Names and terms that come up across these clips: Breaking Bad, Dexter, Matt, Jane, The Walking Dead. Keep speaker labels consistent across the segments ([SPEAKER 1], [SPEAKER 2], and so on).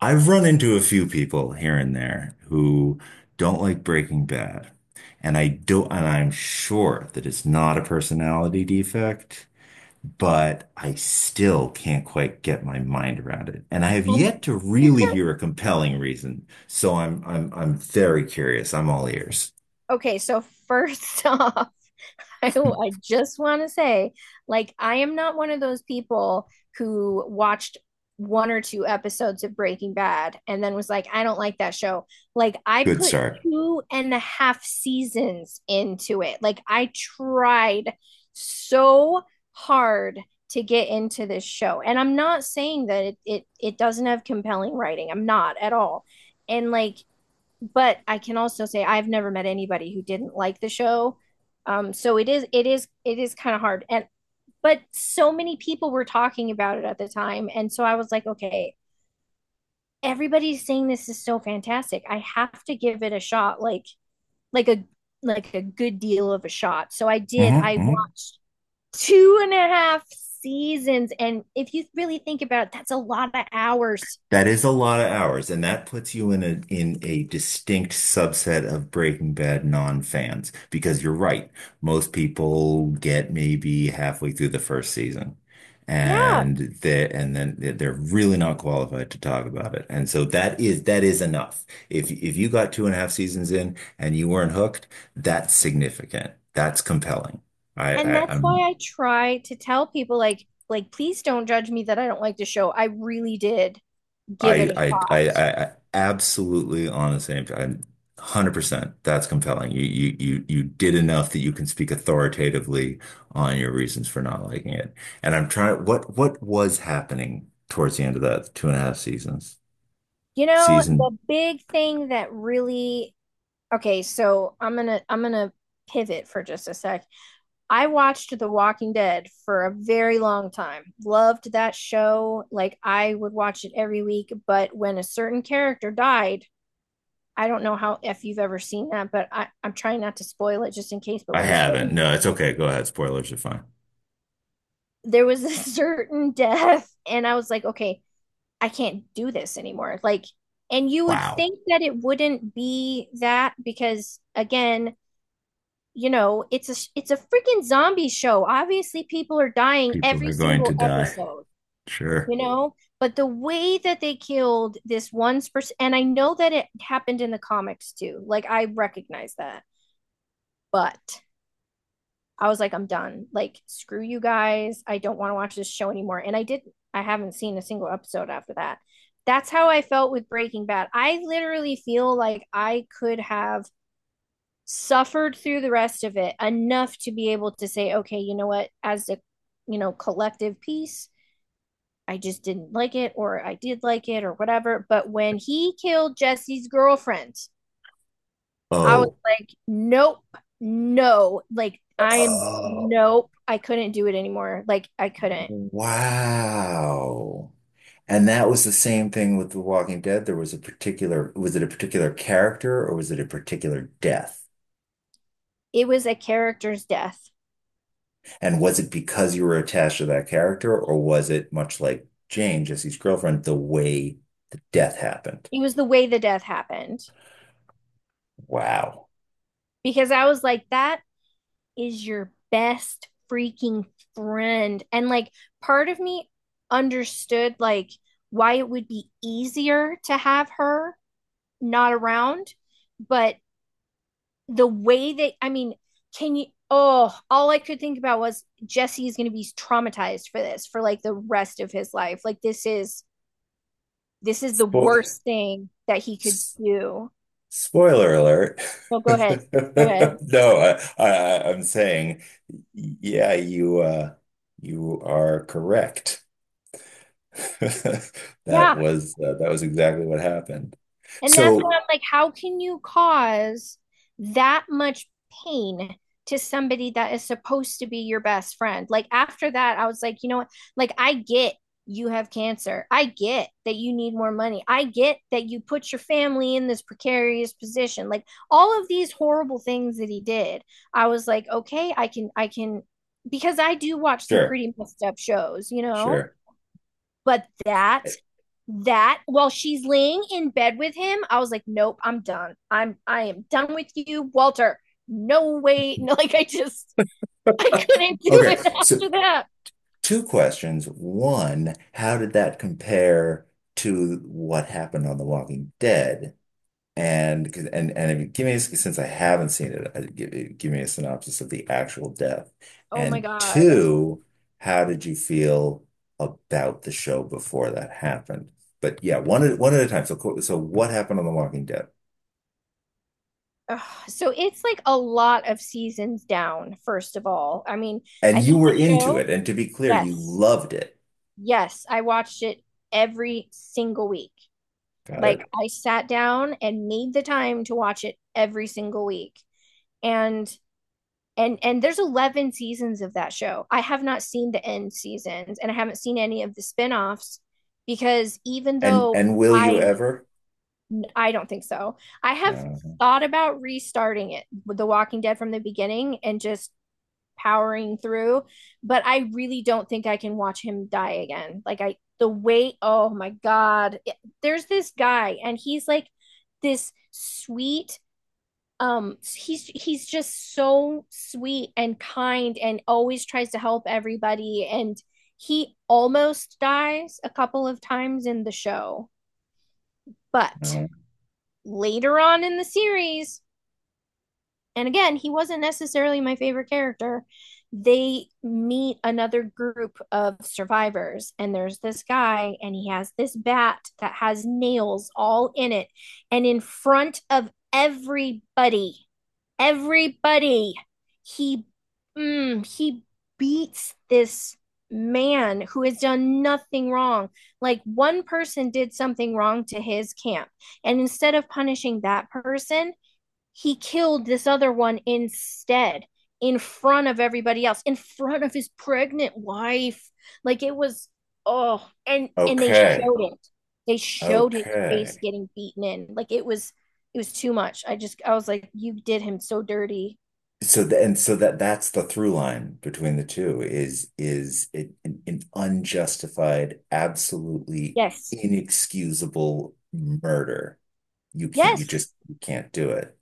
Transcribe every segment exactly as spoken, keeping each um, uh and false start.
[SPEAKER 1] I've run into a few people here and there who don't like Breaking Bad. And I don't, and I'm sure that it's not a personality defect, but I still can't quite get my mind around it. And I have
[SPEAKER 2] And
[SPEAKER 1] yet to really hear a compelling reason. So I'm I'm I'm very curious. I'm all ears.
[SPEAKER 2] Okay, so first off, I, I just want to say, like, I am not one of those people who watched one or two episodes of Breaking Bad and then was like, I don't like that show. Like, I
[SPEAKER 1] Good
[SPEAKER 2] put
[SPEAKER 1] start.
[SPEAKER 2] two and a half seasons into it. Like, I tried so hard to get into this show. And I'm not saying that it it, it doesn't have compelling writing. I'm not at all. And like but I can also say I've never met anybody who didn't like the show. Um, so it is it is it is kind of hard. And but so many people were talking about it at the time. And so I was like, okay, everybody's saying this is so fantastic. I have to give it a shot, like like a like a good deal of a shot. So I did. I
[SPEAKER 1] hmm
[SPEAKER 2] watched two and a half seasons. And if you really think about it, that's a lot of hours.
[SPEAKER 1] That is a lot of hours, and that puts you in a in a distinct subset of Breaking Bad non-fans because you're right. Most people get maybe halfway through the first season,
[SPEAKER 2] Yeah.
[SPEAKER 1] and they and then they- they're really not qualified to talk about it. And so that is that is enough. If if you got two and a half seasons in and you weren't hooked, that's significant. That's compelling. I,
[SPEAKER 2] And
[SPEAKER 1] I
[SPEAKER 2] that's
[SPEAKER 1] I'm
[SPEAKER 2] why I try to tell people like like please don't judge me that I don't like the show. I really did give it
[SPEAKER 1] I
[SPEAKER 2] a
[SPEAKER 1] I I
[SPEAKER 2] shot.
[SPEAKER 1] I absolutely on the same. I'm one hundred percent. That's compelling. You you you you did enough that you can speak authoritatively on your reasons for not liking it. And I'm trying. What what was happening towards the end of that two and a half seasons
[SPEAKER 2] You know, the
[SPEAKER 1] season?
[SPEAKER 2] big thing that really Okay, so I'm going to I'm going to pivot for just a sec. I watched The Walking Dead for a very long time. Loved that show. Like I would watch it every week, but when a certain character died, I don't know how if you've ever seen that, but I, I'm trying not to spoil it just in case. But
[SPEAKER 1] I
[SPEAKER 2] when a
[SPEAKER 1] haven't.
[SPEAKER 2] certain
[SPEAKER 1] No, it's okay. Go ahead. Spoilers are fine.
[SPEAKER 2] There was a certain death and I was like, okay, I can't do this anymore. Like, and you would
[SPEAKER 1] Wow.
[SPEAKER 2] think that it wouldn't be that, because again, you know, it's a it's a freaking zombie show. Obviously people are dying
[SPEAKER 1] People are
[SPEAKER 2] every
[SPEAKER 1] going to
[SPEAKER 2] single
[SPEAKER 1] die.
[SPEAKER 2] episode,
[SPEAKER 1] Sure.
[SPEAKER 2] you know. But the way that they killed this one person, and I know that it happened in the comics too, like I recognize that, but I was like, I'm done. Like, screw you guys. I don't want to watch this show anymore. And I didn't. I haven't seen a single episode after that. That's how I felt with Breaking Bad. I literally feel like I could have suffered through the rest of it enough to be able to say, okay, you know what, as a you know, collective piece, I just didn't like it, or I did like it, or whatever. But when he killed Jesse's girlfriend, I was
[SPEAKER 1] Oh.
[SPEAKER 2] like, nope, no. Like, I am,
[SPEAKER 1] Oh.
[SPEAKER 2] nope. I couldn't do it anymore. Like, I couldn't.
[SPEAKER 1] Wow. And that was the same thing with The Walking Dead. There was a particular, was it a particular character or was it a particular death?
[SPEAKER 2] It was a character's death.
[SPEAKER 1] And was it because you were attached to that character or was it much like Jane, Jesse's girlfriend, the way the death happened?
[SPEAKER 2] It was the way the death happened,
[SPEAKER 1] Wow.
[SPEAKER 2] because I was like, that is your best freaking friend. And like, part of me understood, like, why it would be easier to have her not around, but the way that, I mean, can you? Oh, all I could think about was Jesse is going to be traumatized for this for like the rest of his life. Like this is this is the
[SPEAKER 1] Spo-
[SPEAKER 2] worst thing that he could
[SPEAKER 1] s-
[SPEAKER 2] do.
[SPEAKER 1] Spoiler alert.
[SPEAKER 2] No, go ahead. Go ahead.
[SPEAKER 1] No, I, I, I'm saying, yeah, you, uh, you are correct. That
[SPEAKER 2] Yeah.
[SPEAKER 1] was, uh, that was exactly what happened.
[SPEAKER 2] And that's why
[SPEAKER 1] So,
[SPEAKER 2] I'm like, how can you cause that much pain to somebody that is supposed to be your best friend? Like, after that, I was like, you know what? Like, I get you have cancer. I get that you need more money. I get that you put your family in this precarious position. Like, all of these horrible things that he did, I was like, okay, I can, I can, because I do watch some
[SPEAKER 1] sure,
[SPEAKER 2] pretty messed up shows, you know?
[SPEAKER 1] sure.
[SPEAKER 2] But that
[SPEAKER 1] Eh,
[SPEAKER 2] that while she's laying in bed with him, I was like, nope, I'm done. I'm I am done with you, Walter. No way. No, like I just I couldn't do it
[SPEAKER 1] Okay, so
[SPEAKER 2] after that.
[SPEAKER 1] two questions. One, how did that compare to what happened on The Walking Dead? And 'cause- and and if you- give me a, since I haven't seen it, uh, give, give me a synopsis of the actual death.
[SPEAKER 2] Oh my
[SPEAKER 1] And
[SPEAKER 2] God.
[SPEAKER 1] two, how did you feel about the show before that happened? But yeah, one at one at a time. So co- so what happened on The Walking Dead?
[SPEAKER 2] Ugh. So it's like a lot of seasons down, first of all. I mean,
[SPEAKER 1] And
[SPEAKER 2] I
[SPEAKER 1] you
[SPEAKER 2] think
[SPEAKER 1] were
[SPEAKER 2] the
[SPEAKER 1] into
[SPEAKER 2] show,
[SPEAKER 1] it, and to be clear, you
[SPEAKER 2] yes,
[SPEAKER 1] loved it.
[SPEAKER 2] yes, I watched it every single week.
[SPEAKER 1] Got
[SPEAKER 2] Like
[SPEAKER 1] it.
[SPEAKER 2] I sat down and made the time to watch it every single week. And and and there's eleven seasons of that show. I have not seen the end seasons, and I haven't seen any of the spinoffs, because even
[SPEAKER 1] And
[SPEAKER 2] though
[SPEAKER 1] and will you
[SPEAKER 2] i
[SPEAKER 1] ever?
[SPEAKER 2] i don't think so. I have
[SPEAKER 1] Uh,
[SPEAKER 2] thought about restarting it with The Walking Dead from the beginning and just powering through, but I really don't think I can watch him die again. Like, I the weight, oh my God, there's this guy and he's like this sweet, um he's he's just so sweet and kind and always tries to help everybody, and he almost dies a couple of times in the show, but
[SPEAKER 1] uh,
[SPEAKER 2] later on in the series, and again, he wasn't necessarily my favorite character. They meet another group of survivors, and there's this guy, and he has this bat that has nails all in it. And in front of everybody, everybody, he mm, he beats this man who has done nothing wrong. Like one person did something wrong to his camp, and instead of punishing that person, he killed this other one instead, in front of everybody else, in front of his pregnant wife. Like, it was, oh, and and they
[SPEAKER 1] okay.
[SPEAKER 2] showed it, they showed his face
[SPEAKER 1] Okay.
[SPEAKER 2] getting beaten in. Like, it was, it was too much. I just, I was like, you did him so dirty.
[SPEAKER 1] So the, and so that that's the through line between the two is is it, an, an unjustified, absolutely
[SPEAKER 2] Yes,
[SPEAKER 1] inexcusable murder. You can't you
[SPEAKER 2] yes,
[SPEAKER 1] just you can't do it.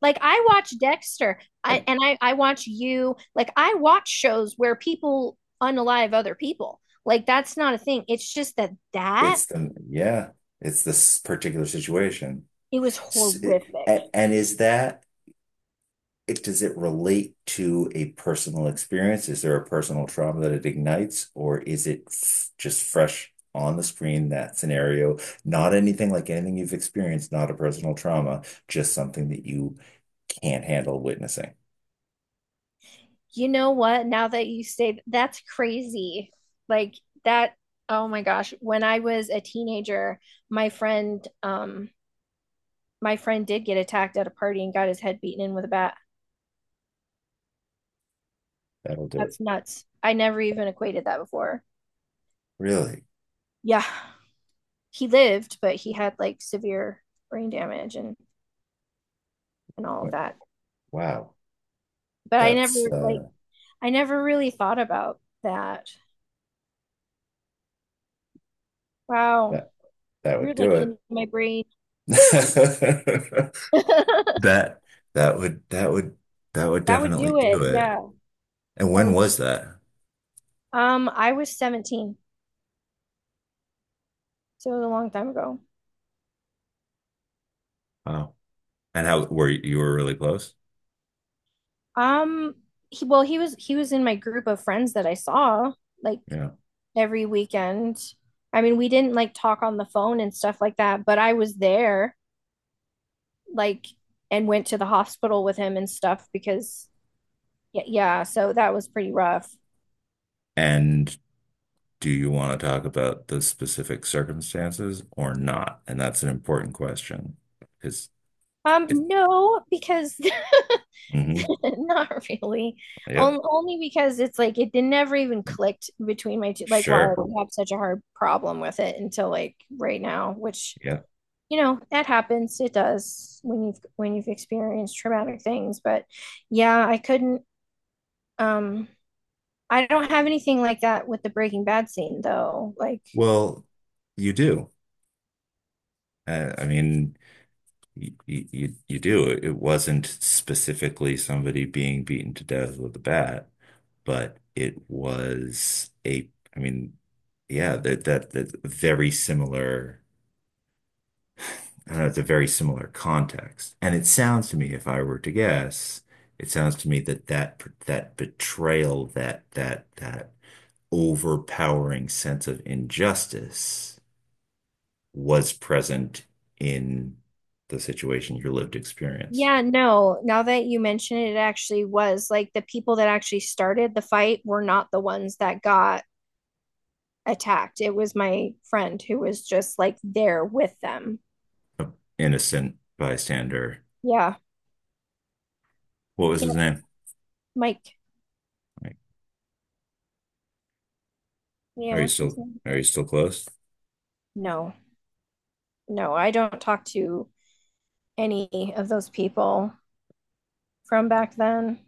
[SPEAKER 2] like I watch Dexter, i
[SPEAKER 1] And
[SPEAKER 2] and i i watch, you like I watch shows where people unalive other people. Like, that's not a thing. It's just that that
[SPEAKER 1] it's the yeah, it's this particular situation.
[SPEAKER 2] it was
[SPEAKER 1] S-
[SPEAKER 2] horrific.
[SPEAKER 1] a- and is that it, does it relate to a personal experience? Is there a personal trauma that it ignites, or is it f- just fresh on the screen, that scenario? Not anything like anything you've experienced, not a personal trauma, just something that you can't handle witnessing.
[SPEAKER 2] You know what? Now that you say that's crazy. Like that, oh my gosh. When I was a teenager, my friend, um, my friend did get attacked at a party and got his head beaten in with a bat.
[SPEAKER 1] That'll do it.
[SPEAKER 2] That's nuts. I never even equated that before.
[SPEAKER 1] Really?
[SPEAKER 2] Yeah. He lived, but he had like severe brain damage and and all of
[SPEAKER 1] Wa-
[SPEAKER 2] that.
[SPEAKER 1] Wow.
[SPEAKER 2] But I never,
[SPEAKER 1] That's
[SPEAKER 2] like
[SPEAKER 1] uh
[SPEAKER 2] I never really thought about that. Wow.
[SPEAKER 1] that that
[SPEAKER 2] You're
[SPEAKER 1] would do
[SPEAKER 2] like
[SPEAKER 1] it.
[SPEAKER 2] in my brain.
[SPEAKER 1] That that would that would that would
[SPEAKER 2] That would
[SPEAKER 1] definitely
[SPEAKER 2] do it.
[SPEAKER 1] do it.
[SPEAKER 2] Yeah.
[SPEAKER 1] And
[SPEAKER 2] That
[SPEAKER 1] when
[SPEAKER 2] would
[SPEAKER 1] was that?
[SPEAKER 2] Um, I was seventeen, so it was a long time ago.
[SPEAKER 1] Wow. And how were you, you were really close?
[SPEAKER 2] Um, he, well, he was he was in my group of friends that I saw like
[SPEAKER 1] Yeah.
[SPEAKER 2] every weekend. I mean, we didn't like talk on the phone and stuff like that, but I was there like and went to the hospital with him and stuff, because yeah, yeah, so that was pretty rough.
[SPEAKER 1] And do you want to talk about the specific circumstances or not? And that's an important question because it,
[SPEAKER 2] Um, no, because
[SPEAKER 1] hmm
[SPEAKER 2] not really. On-
[SPEAKER 1] yep,
[SPEAKER 2] only because it's like it didn't ever even clicked between my two, like why I
[SPEAKER 1] sure.
[SPEAKER 2] have such a hard problem with it until like right now, which,
[SPEAKER 1] Yeah.
[SPEAKER 2] you know, that happens. It does when you've when you've experienced traumatic things. But yeah, I couldn't um I don't have anything like that with the Breaking Bad scene though. Like,
[SPEAKER 1] Well, you do. Uh, I mean, you, you, you do. It wasn't specifically somebody being beaten to death with a bat, but it was a, I mean, yeah, that, that, that very similar uh, it's a very similar context. And it sounds to me, if I were to guess, it sounds to me that that that betrayal, that that that overpowering sense of injustice was present in the situation, your lived experience.
[SPEAKER 2] yeah, no, now that you mention it, it actually was like the people that actually started the fight were not the ones that got attacked. It was my friend who was just like there with them.
[SPEAKER 1] An innocent bystander.
[SPEAKER 2] Yeah.
[SPEAKER 1] What was his
[SPEAKER 2] Yeah.
[SPEAKER 1] name?
[SPEAKER 2] Mike.
[SPEAKER 1] Like, are you
[SPEAKER 2] Yeah.
[SPEAKER 1] still are you still close?
[SPEAKER 2] No, no, I don't talk to any of those people from back then.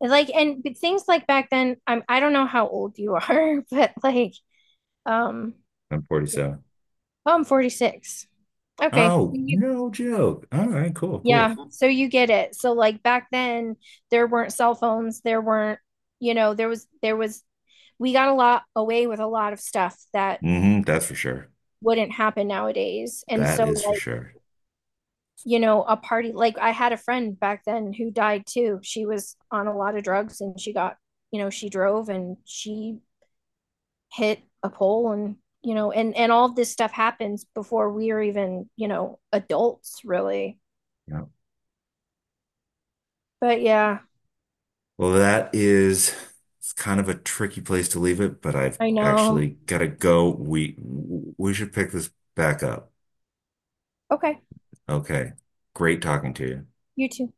[SPEAKER 2] Like, and things like back then, I'm, I don't know how old you are, but like, um,
[SPEAKER 1] I'm forty-seven.
[SPEAKER 2] oh, I'm forty-six. Okay. So
[SPEAKER 1] Oh,
[SPEAKER 2] you,
[SPEAKER 1] no joke. All right, cool,
[SPEAKER 2] yeah.
[SPEAKER 1] cool.
[SPEAKER 2] So you get it. So like back then, there weren't cell phones. There weren't, you know, there was, there was, we got a lot away with a lot of stuff that
[SPEAKER 1] Hmm that's for sure.
[SPEAKER 2] wouldn't happen nowadays. And
[SPEAKER 1] That
[SPEAKER 2] so,
[SPEAKER 1] is for
[SPEAKER 2] like,
[SPEAKER 1] sure.
[SPEAKER 2] you know, a party, like, I had a friend back then who died too. She was on a lot of drugs and she got, you know, she drove and she hit a pole and, you know, and, and all this stuff happens before we are even, you know, adults really.
[SPEAKER 1] Yeah.
[SPEAKER 2] But yeah,
[SPEAKER 1] Well, that is it's kind of a tricky place to leave it, but I've
[SPEAKER 2] I know.
[SPEAKER 1] actually got to go. We we should pick this back up.
[SPEAKER 2] Okay.
[SPEAKER 1] Okay. Great talking to you.
[SPEAKER 2] You too.